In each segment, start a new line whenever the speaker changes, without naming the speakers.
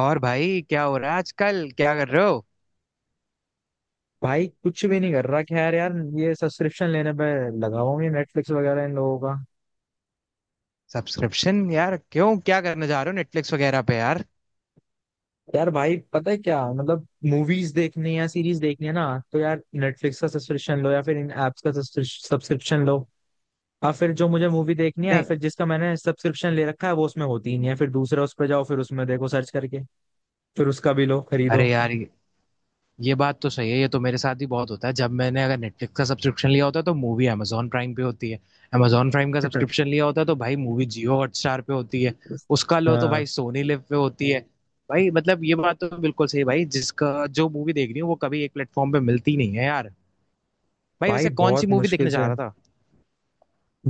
और भाई क्या हो रहा है आजकल क्या कर रहे हो।
भाई कुछ भी नहीं कर रहा खैर यार, ये सब्सक्रिप्शन लेने पे लगा हुआ हूँ ये नेटफ्लिक्स वगैरह इन लोगों का।
सब्सक्रिप्शन यार क्यों क्या करने जा रहे हो नेटफ्लिक्स वगैरह पे यार।
यार भाई पता है क्या मतलब, मूवीज देखनी है, सीरीज देखनी है ना, तो यार नेटफ्लिक्स का सब्सक्रिप्शन लो या फिर इन एप्स का सब्सक्रिप्शन लो। और फिर जो मुझे मूवी देखनी है या
नहीं।
फिर जिसका मैंने सब्सक्रिप्शन ले रखा है वो उसमें होती ही नहीं है, फिर दूसरा उस पर जाओ, फिर उसमें देखो सर्च करके, फिर उसका भी लो खरीदो।
अरे यार ये बात तो सही है। ये तो मेरे साथ भी बहुत होता है, जब मैंने अगर नेटफ्लिक्स का सब्सक्रिप्शन लिया होता है तो मूवी amazon प्राइम पे होती है। amazon प्राइम का सब्सक्रिप्शन लिया होता है तो भाई मूवी जियो हॉटस्टार पे होती है। उसका लो तो
हाँ।
भाई सोनी लिव पे होती है। भाई मतलब ये बात तो बिल्कुल सही है, भाई जिसका जो मूवी देखनी हो वो कभी एक प्लेटफॉर्म पे मिलती नहीं है यार। भाई
भाई
वैसे कौन सी
बहुत
मूवी
मुश्किल
देखने
से।
जा रहा था।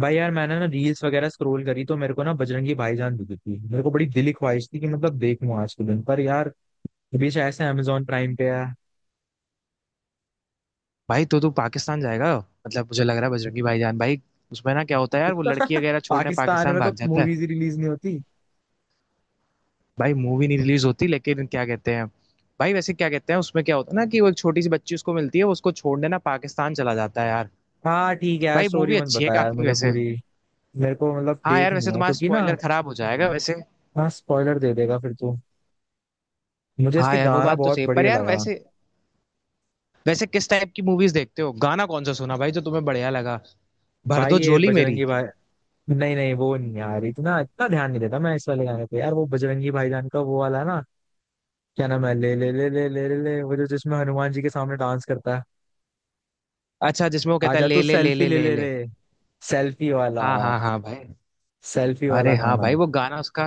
भाई यार मैंने ना रील्स वगैरह स्क्रॉल करी तो मेरे को ना बजरंगी भाईजान दिखी थी, मेरे को बड़ी दिली ख्वाहिश थी कि मतलब देखूं आज के दिन पर यार। अभी शायद से अमेजोन प्राइम पे है।
भाई तो तू पाकिस्तान जाएगा, मतलब मुझे लग रहा है बजरंगी भाईजान भाई। उसमें ना क्या होता है यार, वो लड़की वगैरह छोड़ने
पाकिस्तान
पाकिस्तान
में तो
भाग जाता है।
मूवीज रिलीज नहीं होती।
भाई मूवी नहीं रिलीज होती, लेकिन क्या कहते हैं, भाई वैसे क्या कहते हैं उसमें क्या होता है ना कि वो एक छोटी सी बच्ची उसको मिलती है, वो उसको छोड़ने ना पाकिस्तान चला जाता है यार।
हाँ ठीक है यार,
भाई
स्टोरी
मूवी
मत
अच्छी है
बता यार
काफी
मुझे
वैसे।
पूरी। मेरे को मतलब
हाँ यार
देखनी
वैसे
है
तुम्हारा
क्योंकि ना।
स्पॉइलर खराब हो जाएगा वैसे।
हाँ स्पॉइलर दे देगा फिर तो। मुझे
हाँ
इसके
यार वो
गाना
बात तो
बहुत
सही, पर
बढ़िया
यार
लगा।
वैसे वैसे किस टाइप की मूवीज देखते हो, गाना कौन सा सुना भाई जो तुम्हें बढ़िया लगा। भर
भाई
दो
ये
झोली मेरी।
बजरंगी भाई, नहीं नहीं वो नहीं यार, इतना इतना ध्यान नहीं देता मैं इस वाले गाने पे यार। वो बजरंगी भाईजान का वो वाला ना, क्या नाम है, ले ले ले ले ले ले ले, वो जो जिसमें हनुमान जी के सामने डांस करता है।
अच्छा जिसमें वो कहता है
आजा
ले
तू
ले ले
सेल्फी
ले
ले
ले
ले
ले।
रे। सेल्फी वाला।
हाँ हाँ हाँ भाई।
सेल्फी वाला
अरे हाँ
गाना।
भाई वो गाना उसका,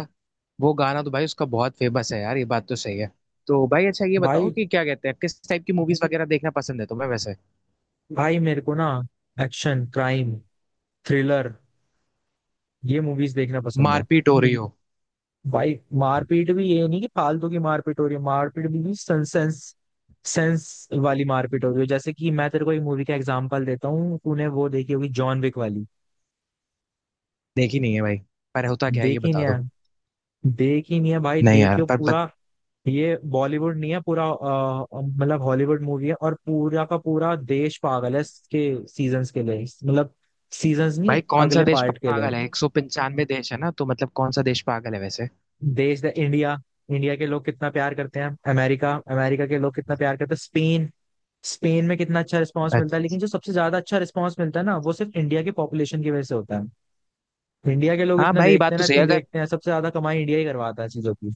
वो गाना तो भाई उसका बहुत फेमस है यार, ये बात तो सही है। तो भाई अच्छा ये बताओ
भाई
कि क्या कहते हैं किस टाइप की मूवीज वगैरह देखना पसंद है तुम्हें वैसे।
भाई मेरे को ना, एक्शन, क्राइम, थ्रिलर, ये मूवीज देखना पसंद है।
मारपीट हो रही हो।
भाई मारपीट भी ये नहीं कि फालतू की मारपीट हो रही है, मारपीट भी सेंस सेंस वाली मारपीट हो रही है। जैसे कि मैं तेरे को एक मूवी का एग्जांपल देता हूँ, तूने वो देखी होगी, जॉन विक वाली।
देखी नहीं है भाई, पर होता क्या है ये
देखी नहीं
बता दो।
है। देखी नहीं है भाई,
नहीं यार
देखियो
पर
पूरा। ये बॉलीवुड नहीं है पूरा, मतलब हॉलीवुड मूवी है और पूरा का पूरा देश पागल है इसके सीजन्स के लिए। मतलब सीजन्स नहीं,
भाई कौन सा
अगले
देश
पार्ट के लिए।
पागल है, 195 देश है ना, तो मतलब कौन सा देश पागल है वैसे।
देश है इंडिया। इंडिया के लोग कितना प्यार करते हैं, अमेरिका, अमेरिका के लोग कितना प्यार करते हैं, स्पेन, स्पेन में कितना अच्छा रिस्पांस मिलता है।
अच्छा।
लेकिन जो सबसे ज्यादा अच्छा रिस्पांस मिलता है ना, वो सिर्फ इंडिया की पॉपुलेशन की वजह से होता है। इंडिया के लोग
हाँ
इतना
भाई
देखते
बात
हैं
तो
ना,
सही
इतनी
है, अगर
देखते हैं। सबसे ज्यादा कमाई इंडिया ही करवाता है चीजों की।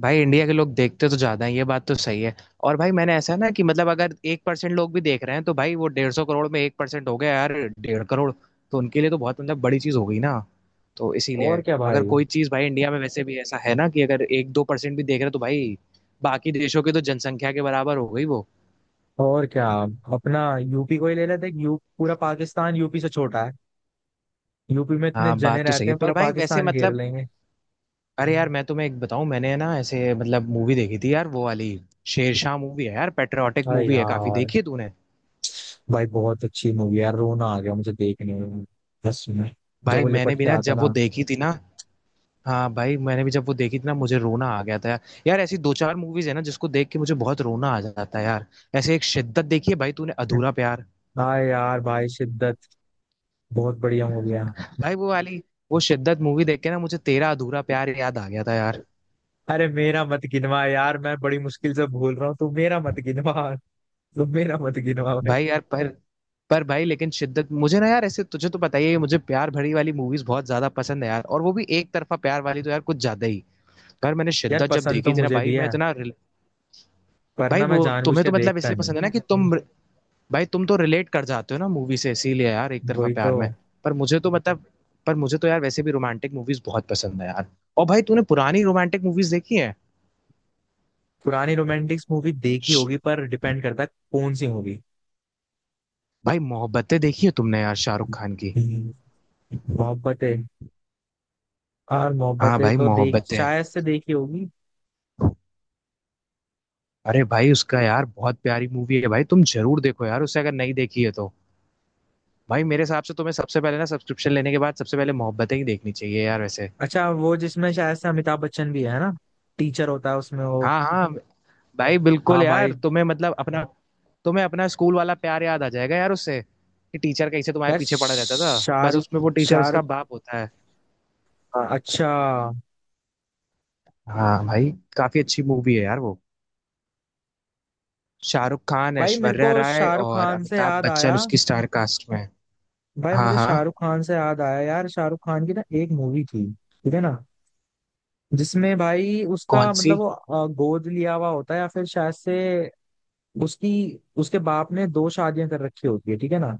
भाई इंडिया के लोग देखते तो ज्यादा है, ये बात तो सही है। और भाई मैंने ऐसा है ना कि मतलब अगर 1% लोग भी देख रहे हैं तो भाई वो 150 करोड़ में 1% हो गया यार, 1.5 करोड़। तो उनके लिए तो बहुत मतलब बड़ी चीज हो गई ना। तो इसीलिए
और क्या
अगर
भाई।
कोई चीज भाई इंडिया में वैसे भी ऐसा है ना कि अगर 1-2% भी देख रहे हैं तो भाई बाकी देशों की तो जनसंख्या के बराबर हो गई वो।
और क्या। अपना यूपी को ही ले लेते हैं। यू पूरा पाकिस्तान यूपी से छोटा है। यूपी में इतने
हाँ
जने
बात तो सही
रहते
है,
हैं, पूरा
पर भाई वैसे
पाकिस्तान घेर
मतलब
लेंगे।
अरे यार मैं तुम्हें एक बताऊं, मैंने है ना ऐसे मतलब मूवी देखी थी यार वो वाली शेरशाह मूवी है यार, पेट्रियाटिक
अरे
मूवी है, काफी
यार।
देखी है तूने।
भाई बहुत अच्छी मूवी यार, रोना आ गया मुझे देखने में, बस में, जब
भाई
वो
मैंने
लिपट
भी
के
ना
आता
जब वो
ना।
देखी थी ना, हाँ भाई मैंने भी जब वो देखी थी ना मुझे रोना आ गया था यार। यार ऐसी दो चार मूवीज है ना जिसको देख के मुझे बहुत रोना आ जाता है यार, ऐसे एक शिद्दत देखी है भाई तूने अधूरा प्यार।
हाँ यार भाई शिद्दत बहुत बढ़िया मूवी है।
भाई वो वाली वो शिद्दत मूवी देख के ना मुझे तेरा अधूरा प्यार याद आ गया था यार।
अरे मेरा मत गिनवा यार, मैं बड़ी मुश्किल से भूल रहा हूँ, तू मेरा मत गिनवा। तू मेरा मत गिनवा भाई।
भाई यार पर भाई लेकिन शिद्दत मुझे ना यार, ऐसे तुझे तो पता ही है मुझे प्यार भरी वाली मूवीज बहुत ज्यादा पसंद है यार, और वो भी एक तरफा प्यार वाली तो यार कुछ ज्यादा ही। पर मैंने
यार
शिद्दत जब
पसंद तो
देखी थी ना
मुझे
भाई
भी
मैं
है,
इतना
पर
भाई
ना
वो
मैं जानबूझ
तुम्हें
के
तो मतलब
देखता
इसलिए
नहीं।
पसंद है ना कि तुम भाई तुम तो रिलेट कर जाते हो ना मूवी से, इसीलिए यार एक तरफा
वही तो।
प्यार में। पर मुझे तो मतलब पर मुझे तो यार वैसे भी रोमांटिक मूवीज बहुत पसंद है यार। और भाई तूने पुरानी रोमांटिक मूवीज देखी है।
पुरानी रोमांटिक्स मूवी देखी होगी, पर डिपेंड करता है कौन सी मूवी।
भाई मोहब्बतें देखी है तुमने यार, शाहरुख खान की।
मोहब्बतें। और
हाँ
मोहब्बतें
भाई
तो देख,
मोहब्बतें,
शायद से देखी होगी।
अरे भाई उसका यार बहुत प्यारी मूवी है भाई, तुम जरूर देखो यार उसे अगर नहीं देखी है तो। भाई मेरे हिसाब से तुम्हें सबसे पहले ना सब्सक्रिप्शन लेने के बाद सबसे पहले मोहब्बतें ही देखनी चाहिए यार वैसे।
अच्छा, वो जिसमें शायद से अमिताभ बच्चन भी है ना, टीचर होता है उसमें वो।
हाँ हाँ भाई बिल्कुल
हाँ
यार,
भाई।
तुम्हें मतलब अपना तुम्हें अपना स्कूल वाला प्यार याद आ जाएगा यार उससे, कि टीचर कैसे तुम्हारे
यार
पीछे पड़ा रहता था, बस
शाहरुख,
उसमें वो टीचर
शाहरुख,
उसका बाप होता है।
हाँ, अच्छा।
हाँ भाई काफी अच्छी मूवी है यार वो। शाहरुख खान,
भाई मेरे
ऐश्वर्या
को
राय
शाहरुख
और
खान से
अमिताभ
याद
बच्चन
आया।
उसकी स्टार कास्ट में है।
भाई
हाँ
मुझे
हाँ,
शाहरुख खान से याद आया यार, शाहरुख खान की ना एक मूवी थी, ठीक है ना। जिसमें भाई
कौन
उसका
सी?
मतलब वो गोद लिया हुआ होता है या फिर शायद से उसकी, उसके बाप ने दो शादियां कर रखी होती है, ठीक है ना।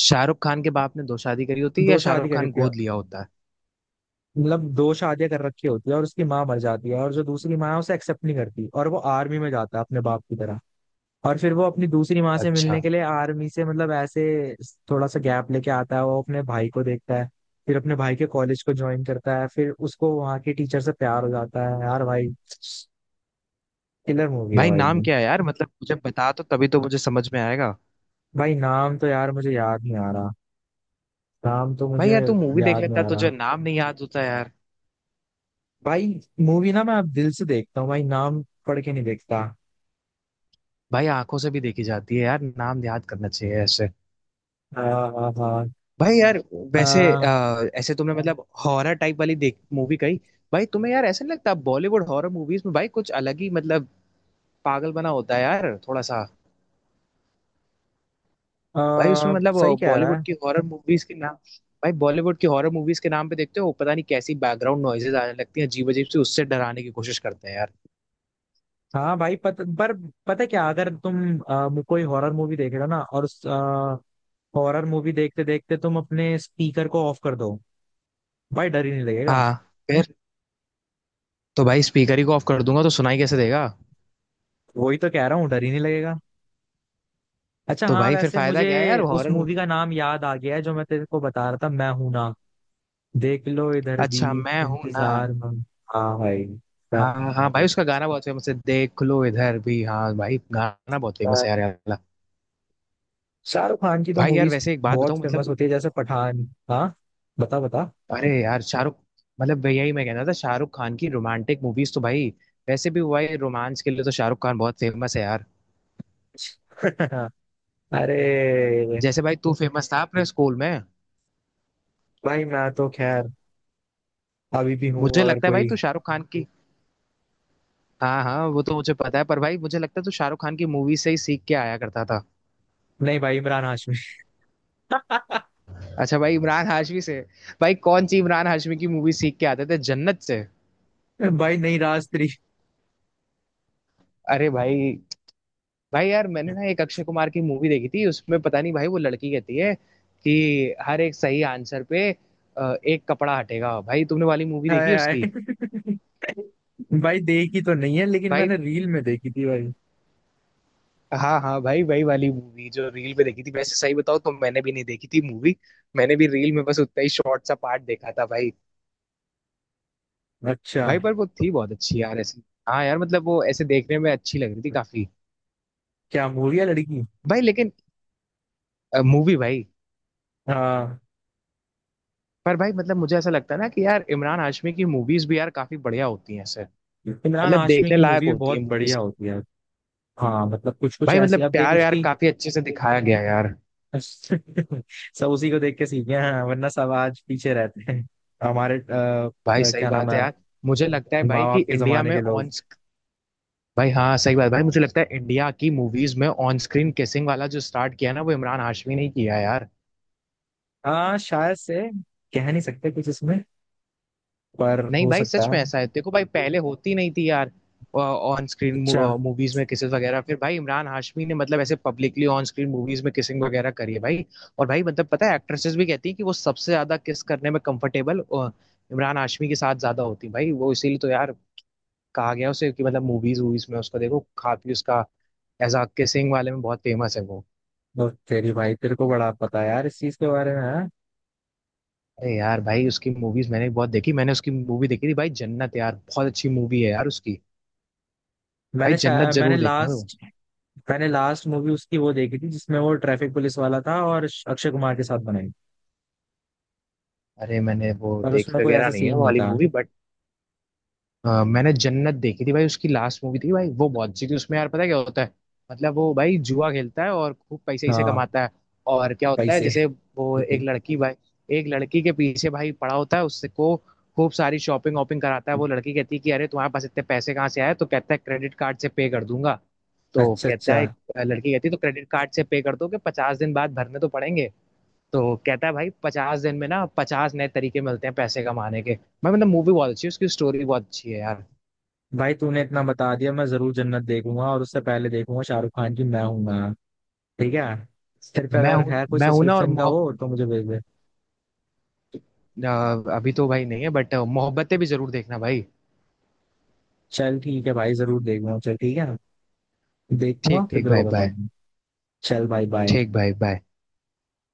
शाहरुख खान के बाप ने दो शादी करी होती है या
दो शादी
शाहरुख
कर
खान
रखी है।
गोद लिया होता है।
मतलब दो शादियां कर रखी होती है, और उसकी माँ मर जाती है और जो दूसरी माँ है उसे एक्सेप्ट नहीं करती, और वो आर्मी में जाता है अपने बाप की तरह। और फिर वो अपनी दूसरी माँ से मिलने
अच्छा
के लिए आर्मी से मतलब ऐसे थोड़ा सा गैप लेके आता है। वो अपने भाई को देखता है, फिर अपने भाई के कॉलेज को ज्वाइन करता है, फिर उसको वहाँ के टीचर से प्यार हो जाता है यार भाई। किलर मूवी है
भाई
भाई।
नाम क्या है यार, मतलब मुझे बता तो तभी तो मुझे समझ में आएगा।
भाई नाम तो यार मुझे याद नहीं आ रहा। नाम तो
भाई
मुझे
यार तू मूवी देख
याद नहीं
लेता
आ रहा
तुझे नाम नहीं याद होता यार।
भाई। मूवी ना मैं अब दिल से देखता हूँ भाई, नाम पढ़ के नहीं देखता।
भाई आंखों से भी देखी जाती है यार, नाम याद करना चाहिए ऐसे।
हाँ। हाँ हाँ।
भाई यार वैसे
हाँ,
ऐसे तुमने मतलब हॉरर टाइप वाली देख मूवी कही। भाई तुम्हें यार ऐसा नहीं लगता बॉलीवुड हॉरर मूवीज में भाई कुछ अलग ही मतलब पागल बना होता है यार थोड़ा सा। भाई उसमें मतलब
सही कह रहा है।
बॉलीवुड की हॉरर मूवीज के नाम, भाई बॉलीवुड की हॉरर मूवीज के नाम पे देखते हो पता नहीं कैसी बैकग्राउंड नॉइजेज आने लगती हैं अजीब अजीब सी, उससे डराने की कोशिश करते हैं यार।
हाँ भाई पर पता है क्या, अगर तुम कोई हॉरर मूवी देख रहे हो ना, और उस हॉरर मूवी देखते देखते तुम अपने स्पीकर को ऑफ कर दो, भाई डर ही नहीं लगेगा।
हाँ, फिर तो भाई स्पीकर ही को ऑफ कर दूंगा तो सुनाई कैसे देगा।
वही तो कह रहा हूँ, डर ही नहीं लगेगा। अच्छा
तो
हाँ,
भाई फिर
वैसे
फायदा
मुझे
क्या है यार
उस
हॉरर
मूवी
मूवी।
का नाम याद आ गया है जो मैं तेरे को बता रहा था, मैं हूं ना, देख लो इधर भी
अच्छा मैं हूं ना।
इंतजार में। हाँ भाई।
हाँ हाँ भाई उसका गाना बहुत फेमस है देख लो इधर भी, हाँ भाई गाना बहुत फेमस
हाँ।
है यार ये वाला।
शाहरुख खान की तो
भाई यार
मूवीज
वैसे एक बात
बहुत
बताऊँ
फेमस
मतलब
होती है, जैसे पठान। हाँ, बता बता।
अरे यार शाहरुख, मतलब यही मैं कहना था शाहरुख खान की रोमांटिक मूवीज तो भाई वैसे भी हुआ है, रोमांस के लिए तो शाहरुख खान बहुत फेमस है यार,
अरे
जैसे भाई तू फेमस था अपने स्कूल में।
भाई मैं तो खैर अभी भी हूँ
मुझे
अगर
लगता है भाई
कोई।
तू शाहरुख खान की, हाँ हाँ वो तो मुझे पता है पर भाई मुझे लगता है तू शाहरुख खान की मूवी से ही सीख के आया करता था।
नहीं भाई, इमरान हाशमी।
अच्छा भाई इमरान हाशमी से, भाई कौन सी इमरान हाशमी की मूवी सीख के आते थे, जन्नत से।
भाई नहीं, राज थ्री।
अरे भाई भाई यार मैंने ना एक अक्षय कुमार की मूवी देखी थी उसमें पता नहीं भाई वो लड़की कहती है कि हर एक सही आंसर पे एक कपड़ा हटेगा, भाई तुमने वाली मूवी देखी
हाय हाय,
उसकी।
भाई देखी तो नहीं है लेकिन
भाई
मैंने रील में देखी थी भाई।
हाँ हाँ भाई वही वाली मूवी जो रील पे देखी थी वैसे, सही बताओ तो मैंने भी नहीं देखी थी मूवी, मैंने भी रील में बस उतना ही शॉर्ट सा पार्ट देखा था भाई।
अच्छा।
भाई पर वो थी बहुत अच्छी यार ऐसी, हाँ यार मतलब वो ऐसे देखने में अच्छी लग रही थी काफी।
क्या मूवी है लड़की।
भाई लेकिन मूवी भाई,
हाँ,
पर भाई मतलब मुझे ऐसा लगता है ना कि यार इमरान हाशमी की मूवीज भी यार काफी बढ़िया होती हैं ऐसे,
इमरान
मतलब
हाशमी
देखने
की
लायक
मूवी भी
होती है
बहुत
मूवीज
बढ़िया
को।
होती है। हाँ मतलब कुछ कुछ
भाई
ऐसी
मतलब
आप देख
प्यार यार
उसकी।
काफी अच्छे से दिखाया गया यार।
सब उसी को देख के सीखे हैं, वरना सब आज पीछे रहते हैं हमारे
भाई सही
क्या नाम
बात है
है,
यार, मुझे लगता है
माँ
भाई कि
बाप के
इंडिया
जमाने
में
के लोग।
ऑन, भाई हाँ सही बात, भाई मुझे लगता है इंडिया की मूवीज में ऑन स्क्रीन किसिंग वाला जो स्टार्ट किया ना वो इमरान हाशमी ने ही किया यार।
हाँ शायद से, कह नहीं सकते कुछ इसमें, पर
नहीं
हो
भाई
सकता
सच
है।
में ऐसा है देखो भाई पहले होती नहीं थी यार ऑन स्क्रीन
अच्छा,
मूवीज में किसेस वगैरह, फिर भाई इमरान हाशमी ने मतलब ऐसे पब्लिकली ऑन स्क्रीन मूवीज में किसिंग वगैरह करी है भाई। और भाई मतलब पता है एक्ट्रेसेस भी कहती हैं कि वो सबसे ज्यादा किस करने में कंफर्टेबल इमरान हाशमी के साथ ज्यादा होती हैं भाई, वो इसीलिए तो यार कहा गया उसे कि मतलब मूवीज वूवीज में उसको देखो काफी उसका एज अ किसिंग वाले में बहुत फेमस है वो।
तो तेरी, भाई तेरे को बड़ा पता है यार इस चीज के बारे में हाँ?
अरे यार भाई उसकी मूवीज मैंने बहुत देखी, मैंने उसकी मूवी देखी थी भाई जन्नत, यार बहुत अच्छी मूवी है यार उसकी। भाई जन्नत
मैंने
जरूर देखना तुम।
लास्ट, मैंने लास्ट मूवी उसकी वो देखी थी जिसमें वो ट्रैफिक पुलिस वाला था, और अक्षय कुमार के साथ बनाई।
अरे मैंने वो
पर
देखी
उसमें कोई ऐसा
वगैरह नहीं है
सीन
वो
नहीं
वाली
था।
मूवी बट मैंने जन्नत देखी थी भाई, उसकी लास्ट मूवी थी भाई वो, बहुत अच्छी थी उसमें यार, पता है क्या होता है? मतलब वो भाई जुआ खेलता है और खूब पैसे इसे
हाँ।
कमाता है, और क्या होता है
पैसे।
जैसे वो एक लड़की भाई एक लड़की के पीछे भाई पड़ा होता है उससे को खूब सारी शॉपिंग वॉपिंग कराता है। वो लड़की कहती है कि अरे तुम्हारे पास इतने पैसे कहाँ से आए, तो कहता है क्रेडिट कार्ड से पे कर दूंगा। तो
अच्छा
कहता
अच्छा।
है, लड़की कहती है तो क्रेडिट कार्ड से पे कर दो कि 50 दिन बाद भरने तो पड़ेंगे। तो कहता है भाई 50 दिन में ना 50 नए तरीके मिलते हैं पैसे कमाने के। मैं मतलब मूवी बहुत अच्छी है उसकी, स्टोरी बहुत अच्छी है यार।
भाई तूने इतना बता दिया, मैं जरूर जन्नत देखूंगा, और उससे पहले देखूंगा शाहरुख खान की मैं हूं ना। ठीक है। तेरे पे
मैं
अगर
हूँ
है कोई
मैं हूं ना और
सब्सक्रिप्शन का वो तो मुझे भेज दे।
अ, अभी तो भाई नहीं है बट मोहब्बतें भी जरूर देखना भाई।
चल ठीक है भाई, जरूर देखूंगा, चल ठीक है। देखूंगा
ठीक
फिर
ठीक
तेरे को
भाई बाय।
बताऊंगा। चल भाई बाय।
ठीक भाई बाय।